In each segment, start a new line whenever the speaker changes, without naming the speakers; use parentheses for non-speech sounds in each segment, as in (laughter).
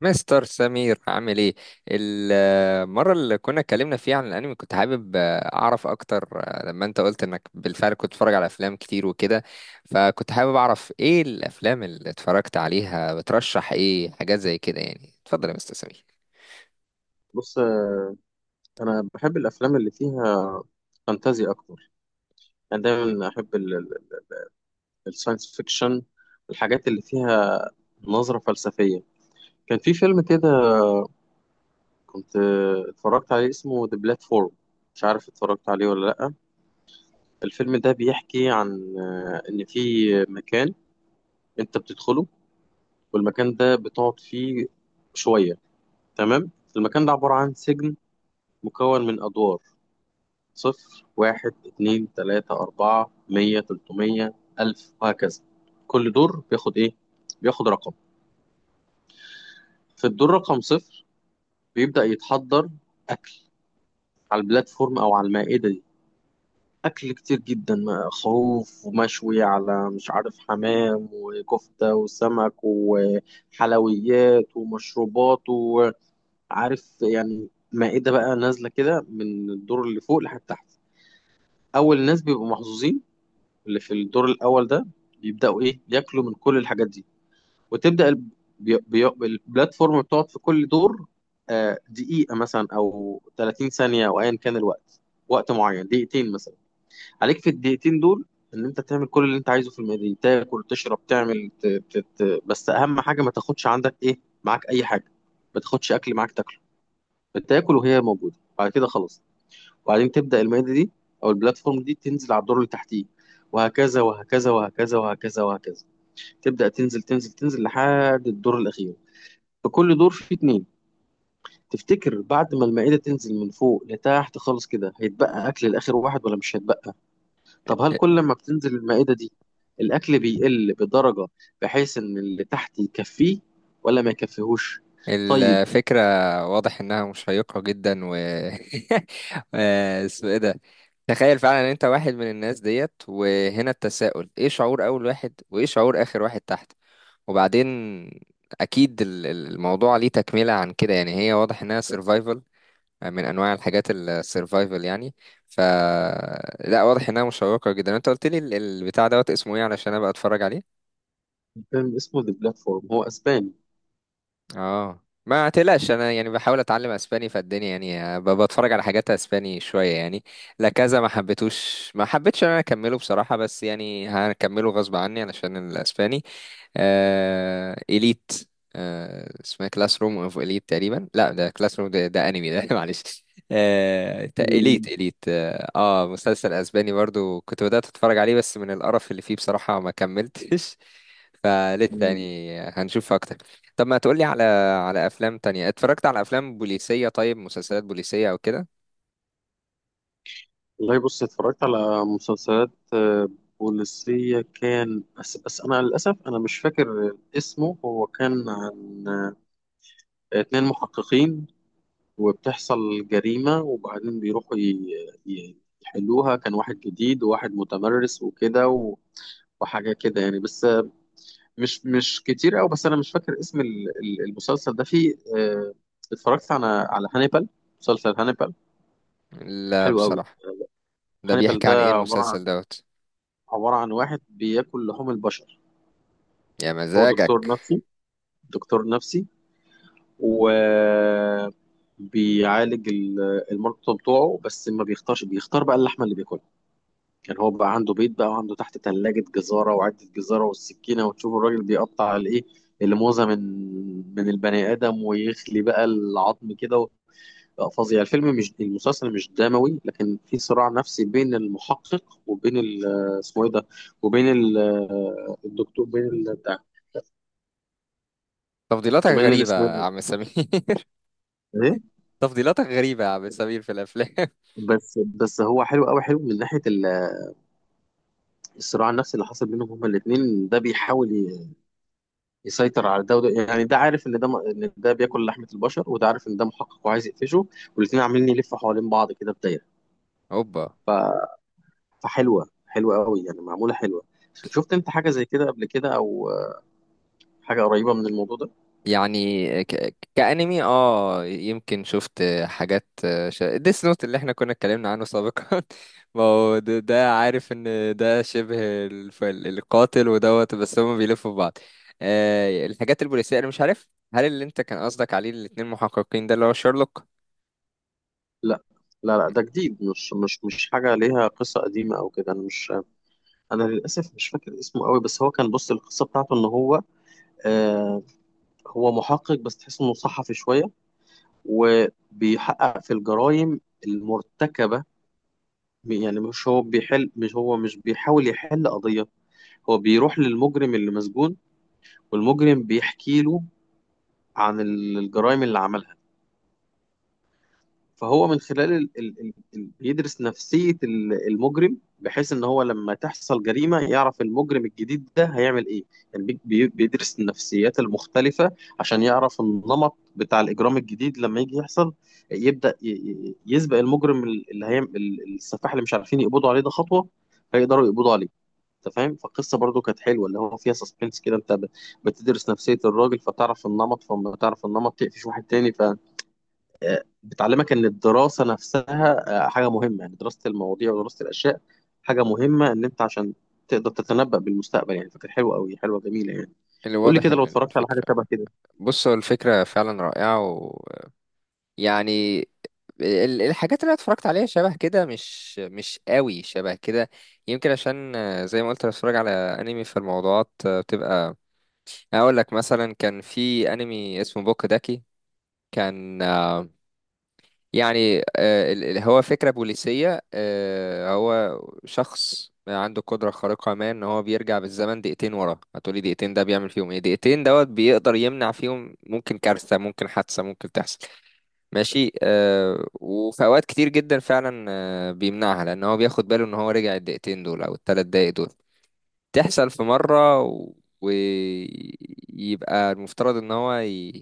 مستر سمير عامل ايه؟ المرة اللي كنا اتكلمنا فيها عن الانمي كنت حابب اعرف اكتر. لما انت قلت انك بالفعل كنت بتتفرج على افلام كتير وكده، فكنت حابب اعرف ايه الافلام اللي اتفرجت عليها، بترشح ايه حاجات زي كده؟ يعني اتفضل يا مستر سمير.
بص، انا بحب الافلام اللي فيها فانتازيا اكتر. انا دايما احب الساينس فيكشن، الحاجات اللي فيها نظرة فلسفية. كان في فيلم كده كنت اتفرجت عليه اسمه ذا بلاتفورم، مش عارف اتفرجت عليه ولا لا. الفيلم ده بيحكي عن ان في مكان انت بتدخله والمكان ده بتقعد فيه شوية، تمام. المكان ده عبارة عن سجن مكون من ادوار: صفر واحد اتنين تلاتة أربعة 100 300 1000 وهكذا. كل دور بياخد إيه؟ بياخد رقم. في الدور رقم صفر بيبدأ يتحضر أكل على البلاتفورم أو على المائدة دي، أكل كتير جدا خروف ومشوي على مش عارف حمام وكفتة وسمك وحلويات ومشروبات، وعارف يعني مائدة بقى نازلة كده من الدور اللي فوق لحد تحت. أول ناس بيبقوا محظوظين اللي في الدور الاول ده، يبداوا ايه، ياكلوا من كل الحاجات دي. وتبدا الب- بي- بي- البلاتفورم بتقعد في كل دور دقيقه مثلا او 30 ثانيه او ايا كان الوقت، وقت معين دقيقتين مثلا. عليك في الدقيقتين دول ان انت تعمل كل اللي انت عايزه في الميدان، تاكل تشرب تعمل بس اهم حاجه ما تاخدش عندك ايه معاك اي حاجه، ما تاخدش اكل معاك تاكله. بتاكل وهي موجوده بعد كده خلاص. وبعدين تبدأ المائدة دي أو البلاتفورم دي تنزل على الدور اللي تحتيه، وهكذا وهكذا وهكذا وهكذا وهكذا. تبدأ تنزل تنزل تنزل لحد الدور الأخير. في كل دور فيه اتنين. تفتكر بعد ما المائدة تنزل من فوق لتحت خالص كده هيتبقى أكل لآخر واحد ولا مش هيتبقى؟ طب هل كل ما بتنزل المائدة دي الأكل بيقل بدرجة بحيث إن اللي تحت يكفيه ولا ما يكفيهوش؟ طيب.
الفكرة واضح انها مشيقة جدا، و (laughs) اسمه ايه ده؟ تخيل فعلا ان انت واحد من الناس ديت، وهنا التساؤل: ايه شعور اول واحد وايه شعور اخر واحد تحت؟ وبعدين اكيد الموضوع ليه تكملة عن كده. يعني هي واضح انها سيرفايفل، من انواع الحاجات السيرفايفل يعني. ف لا، واضح انها مشوقة جدا. انت قلت لي البتاع دوت اسمه ايه علشان ابقى اتفرج عليه؟
فيلم اسمه ذا بلاتفورم، هو أسباني.
اه ما تقلقش، انا يعني بحاول اتعلم اسباني فالدنيا، يعني بتفرج على حاجات اسباني شوية يعني. لا كذا ما حبيتوش، ما حبيتش انا اكمله بصراحة، بس يعني هكمله غصب عني علشان الاسباني. إليت. اسمها كلاس روم اوف إليت تقريبا. لا ده كلاس روم، ده أنمي ده. (laughs) معلش.
مم.
إليت إليت. آه، مسلسل أسباني برضو كنت بدأت أتفرج عليه، بس من القرف اللي فيه بصراحة ما كملتش. (laughs) فلسه
مم.
يعني هنشوف أكتر. طب ما تقولي على على أفلام تانية؟ اتفرجت على أفلام بوليسية؟ طيب مسلسلات بوليسية أو كده؟
والله بص اتفرجت على مسلسلات بوليسية، كان بس أنا للأسف أنا مش فاكر اسمه. هو كان عن اتنين محققين وبتحصل جريمة وبعدين بيروحوا يحلوها. كان واحد جديد وواحد متمرس وكده وحاجة كده يعني، بس مش كتير أوي. بس أنا مش فاكر اسم المسلسل ده. فيه اتفرجت على هانيبال، مسلسل هانيبال،
لا
حلو أوي.
بصراحة. ده
هانيبال
بيحكي
ده
عن إيه
عبارة عن
المسلسل دوت؟
عبارة عن واحد بياكل لحوم البشر.
يا
هو دكتور
مزاجك!
نفسي، دكتور نفسي، و بيعالج المرضى بتوعه، بس ما بيختارش، بيختار بقى اللحمة اللي بياكلها. يعني هو بقى عنده بيت بقى، وعنده تحت ثلاجة جزارة وعدة جزارة والسكينة، وتشوف الراجل بيقطع الايه، الموزة من البني آدم ويخلي بقى العظم كده بقى فظيع. الفيلم مش المسلسل مش دموي لكن في صراع نفسي بين المحقق وبين اسمه ايه ده، وبين الدكتور، بين ال- بتاع
تفضيلاتك
وبين
غريبة يا
الاسماعيلي.
عم سمير. (laughs)
ايه؟
تفضيلاتك غريبة يا عم سمير في الأفلام. (laughs)
بس بس هو حلو قوي، حلو من ناحيه الصراع النفسي اللي حصل بينهم هما الاثنين. ده بيحاول يسيطر على ده وده، يعني ده عارف ان ده ان ده بياكل لحمه البشر وده عارف ان ده محقق وعايز يقفشه. والاثنين عاملين يلفوا حوالين بعض كده في دايره.
اوبا.
فحلوه حلوه قوي يعني، معموله حلوه. شفت انت حاجه زي كده قبل كده او حاجه قريبه من الموضوع ده؟
يعني كأنمي، اه يمكن شفت حاجات. ديس نوت، اللي احنا كنا اتكلمنا عنه سابقا. (laughs) ما هو ده عارف ان ده شبه القاتل ودوت، بس هما بيلفوا في بعض. آه، الحاجات البوليسية انا مش عارف. هل اللي انت كان قصدك عليه الاتنين محققين ده اللي هو شارلوك؟
لا لا لا، ده جديد، مش حاجه ليها قصه قديمه او كده. انا للاسف مش فاكر اسمه قوي. بس هو كان، بص القصه بتاعته ان هو آه، هو محقق بس تحس انه صحفي شويه، وبيحقق في الجرائم المرتكبه. يعني مش هو بيحل، مش هو مش بيحاول يحل قضيه، هو بيروح للمجرم اللي مسجون والمجرم بيحكي له عن الجرائم اللي عملها. فهو من خلال ال ال ال ال بيدرس نفسية المجرم بحيث ان هو لما تحصل جريمة يعرف المجرم الجديد ده هيعمل ايه. يعني بيدرس النفسيات المختلفة عشان يعرف النمط بتاع الإجرام الجديد لما يجي يحصل. يبدأ يسبق المجرم اللي هيعمل السفاح اللي مش عارفين يقبضوا عليه ده خطوة، فيقدروا يقبضوا عليه. انت فاهم؟ فالقصة برضو كانت حلوة اللي هو فيها سسبنس كده. انت بتدرس نفسية الراجل فتعرف النمط، فلما تعرف النمط تقفش واحد تاني. ف بتعلمك ان الدراسه نفسها حاجه مهمه، يعني دراسه المواضيع ودراسه الاشياء حاجه مهمه، ان انت عشان تقدر تتنبأ بالمستقبل يعني. فكانت حلوه قوي، حلوه جميله يعني.
اللي
قول لي
واضح
كده
ان
لو اتفرجت على حاجه
الفكرة،
شبه كده.
بص، هو الفكرة فعلا رائعة. يعني الحاجات اللي أنا اتفرجت عليها شبه كده، مش قوي شبه كده. يمكن عشان، زي ما قلت، أنا بتفرج على انمي في الموضوعات بتبقى. اقول لك مثلا كان في انمي اسمه بوك داكي. كان، هو فكرة بوليسية. هو شخص عنده قدرة خارقة، ما ان هو بيرجع بالزمن دقيقتين ورا. هتقولي دقيقتين ده بيعمل فيهم ايه؟ دقيقتين دوت بيقدر يمنع فيهم ممكن كارثة، ممكن حادثة ممكن تحصل. ماشي، آه، وفي اوقات كتير جدا فعلا آه بيمنعها، لان هو بياخد باله ان هو رجع الدقيقتين دول او الثلاث دقايق دول. تحصل في مرة ويبقى المفترض ان هو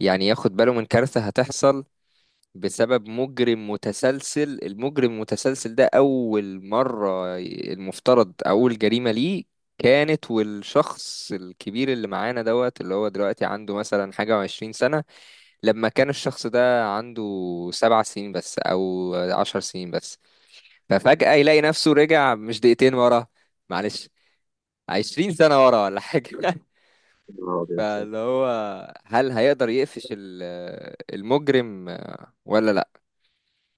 يعني ياخد باله من كارثة هتحصل بسبب مجرم متسلسل. المجرم المتسلسل ده اول مرة المفترض اول جريمة ليه كانت، والشخص الكبير اللي معانا دوت اللي هو دلوقتي عنده مثلا حاجة وعشرين سنة، لما كان الشخص ده عنده سبع سنين بس او عشر سنين بس. ففجأة يلاقي نفسه رجع مش دقيقتين ورا، معلش، عشرين سنة ورا ولا حاجة. (laughs)
يا نهار أبيض.
فاللي هو، هل هيقدر يقفش المجرم ولا لا؟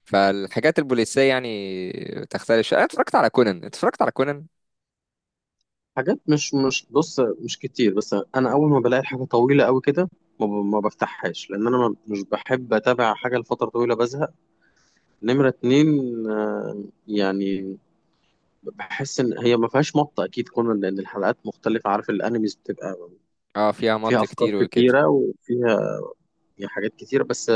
فالحاجات البوليسية يعني تختلف شوية. انا اتفرجت على كونان، اتفرجت على كونان.
حاجات مش مش بص مش كتير، بس انا اول ما بلاقي حاجه طويله قوي كده، ما بفتحهاش لان انا مش بحب اتابع حاجه لفتره طويله، بزهق. نمره اتنين، يعني بحس ان هي ما فيهاش مطه اكيد كون لان الحلقات مختلفه، عارف الانميز بتبقى
اه، فيها
فيها
مط
افكار
كتير وكده.
كتيره وفيها حاجات كتيره، بس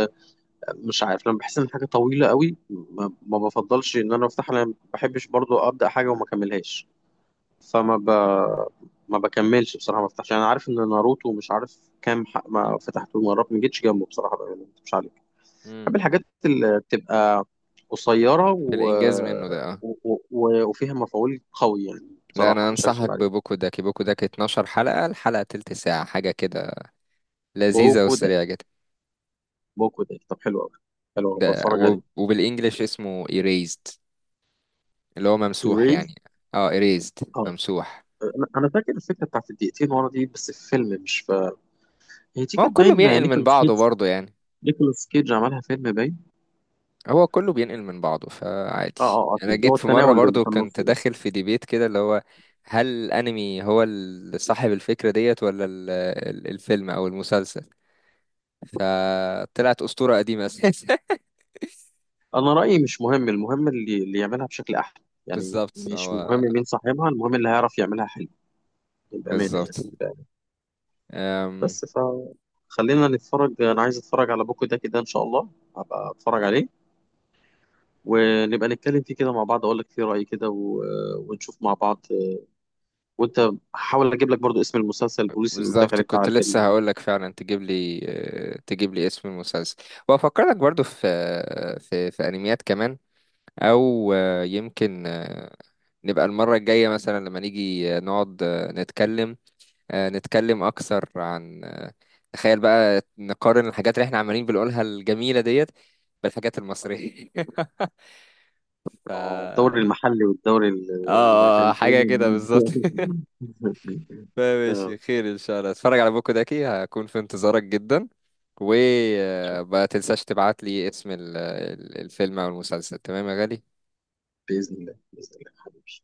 مش عارف لما بحس ان حاجه طويله قوي ما بفضلش ان انا افتحها لان ما بحبش برضو ابدا حاجه وما اكملهاش. فما ب... ما بكملش بصراحه ما بفتحش. انا عارف ان ناروتو مش عارف كام حق ما فتحته مرات ما جيتش جنبه بصراحه بقى، يعني ما مش عليك. بحب
امم،
الحاجات اللي بتبقى قصيره
في الانجاز منه ده اه.
وفيها مفعول قوي، يعني
لا،
بصراحه
انا
مش
انصحك
هكدب عليك.
ببوكو داكي. بوكو داكي 12 حلقة، الحلقة تلت ساعة حاجة كده، لذيذة
بوكو ده
وسريعة جدا.
بوكو ده طب، حلو قوي، حلو أوي،
ده
بتفرج عليه.
وبالانجلش اسمه erased، اللي هو ممسوح يعني. اه، erased
الري،
ممسوح.
أنا فاكر الفكره بتاعت الدقيقتين ورا دي بس في فيلم، مش في، هي دي
ما هو
كانت
كله
باين
بينقل من
نيكولاس
بعضه
كيدج،
برضه يعني.
نيكولاس كيدج عملها فيلم باين.
هو كله بينقل من بعضه،
اه
فعادي.
اه
انا
اكيد هو
جيت في مرة
التناول اللي
برضه
في النص
كنت
بس.
داخل في ديبيت كده اللي هو: هل الانمي هو صاحب الفكرة ديت ولا الفيلم او المسلسل؟ فطلعت أسطورة قديمة اساسا. (laughs)
انا رايي مش مهم، المهم اللي يعملها بشكل احلى، يعني
بالظبط،
مش
هو
مهم مين صاحبها، المهم اللي هيعرف يعملها حلو، بامانه يعني.
بالظبط.
بس ف خلينا نتفرج، انا عايز اتفرج على بوكو ده كده ان شاء الله، هبقى اتفرج عليه ونبقى نتكلم فيه كده مع بعض، اقول لك فيه رايي كده ونشوف مع بعض. وانت هحاول اجيب لك برضو اسم المسلسل البوليسي اللي قلت لك
بالظبط
عليه بتاع
كنت
الجريمه.
لسه هقول لك فعلا تجيب لي، تجيب لي اسم المسلسل، وافكرك برضو في في انميات كمان. او آه، يمكن آه، نبقى المره الجايه مثلا لما نيجي نقعد نتكلم. نتكلم اكثر عن، تخيل بقى، نقارن الحاجات اللي احنا عمالين بنقولها الجميله ديت بالحاجات المصريه. (laughs) ف
اه، الدوري
اه،
المحلي والدوري
حاجه
البريمير
كده بالظبط.
ليج.
(laughs)
(laughs) آه،
ماشي، خير ان شاء الله اتفرج على بوكو داكي، هكون في انتظارك جدا.
إن شاء الله.
وما تنساش تبعت لي اسم الفيلم او المسلسل، تمام يا غالي.
بإذن الله بإذن الله حبيبي.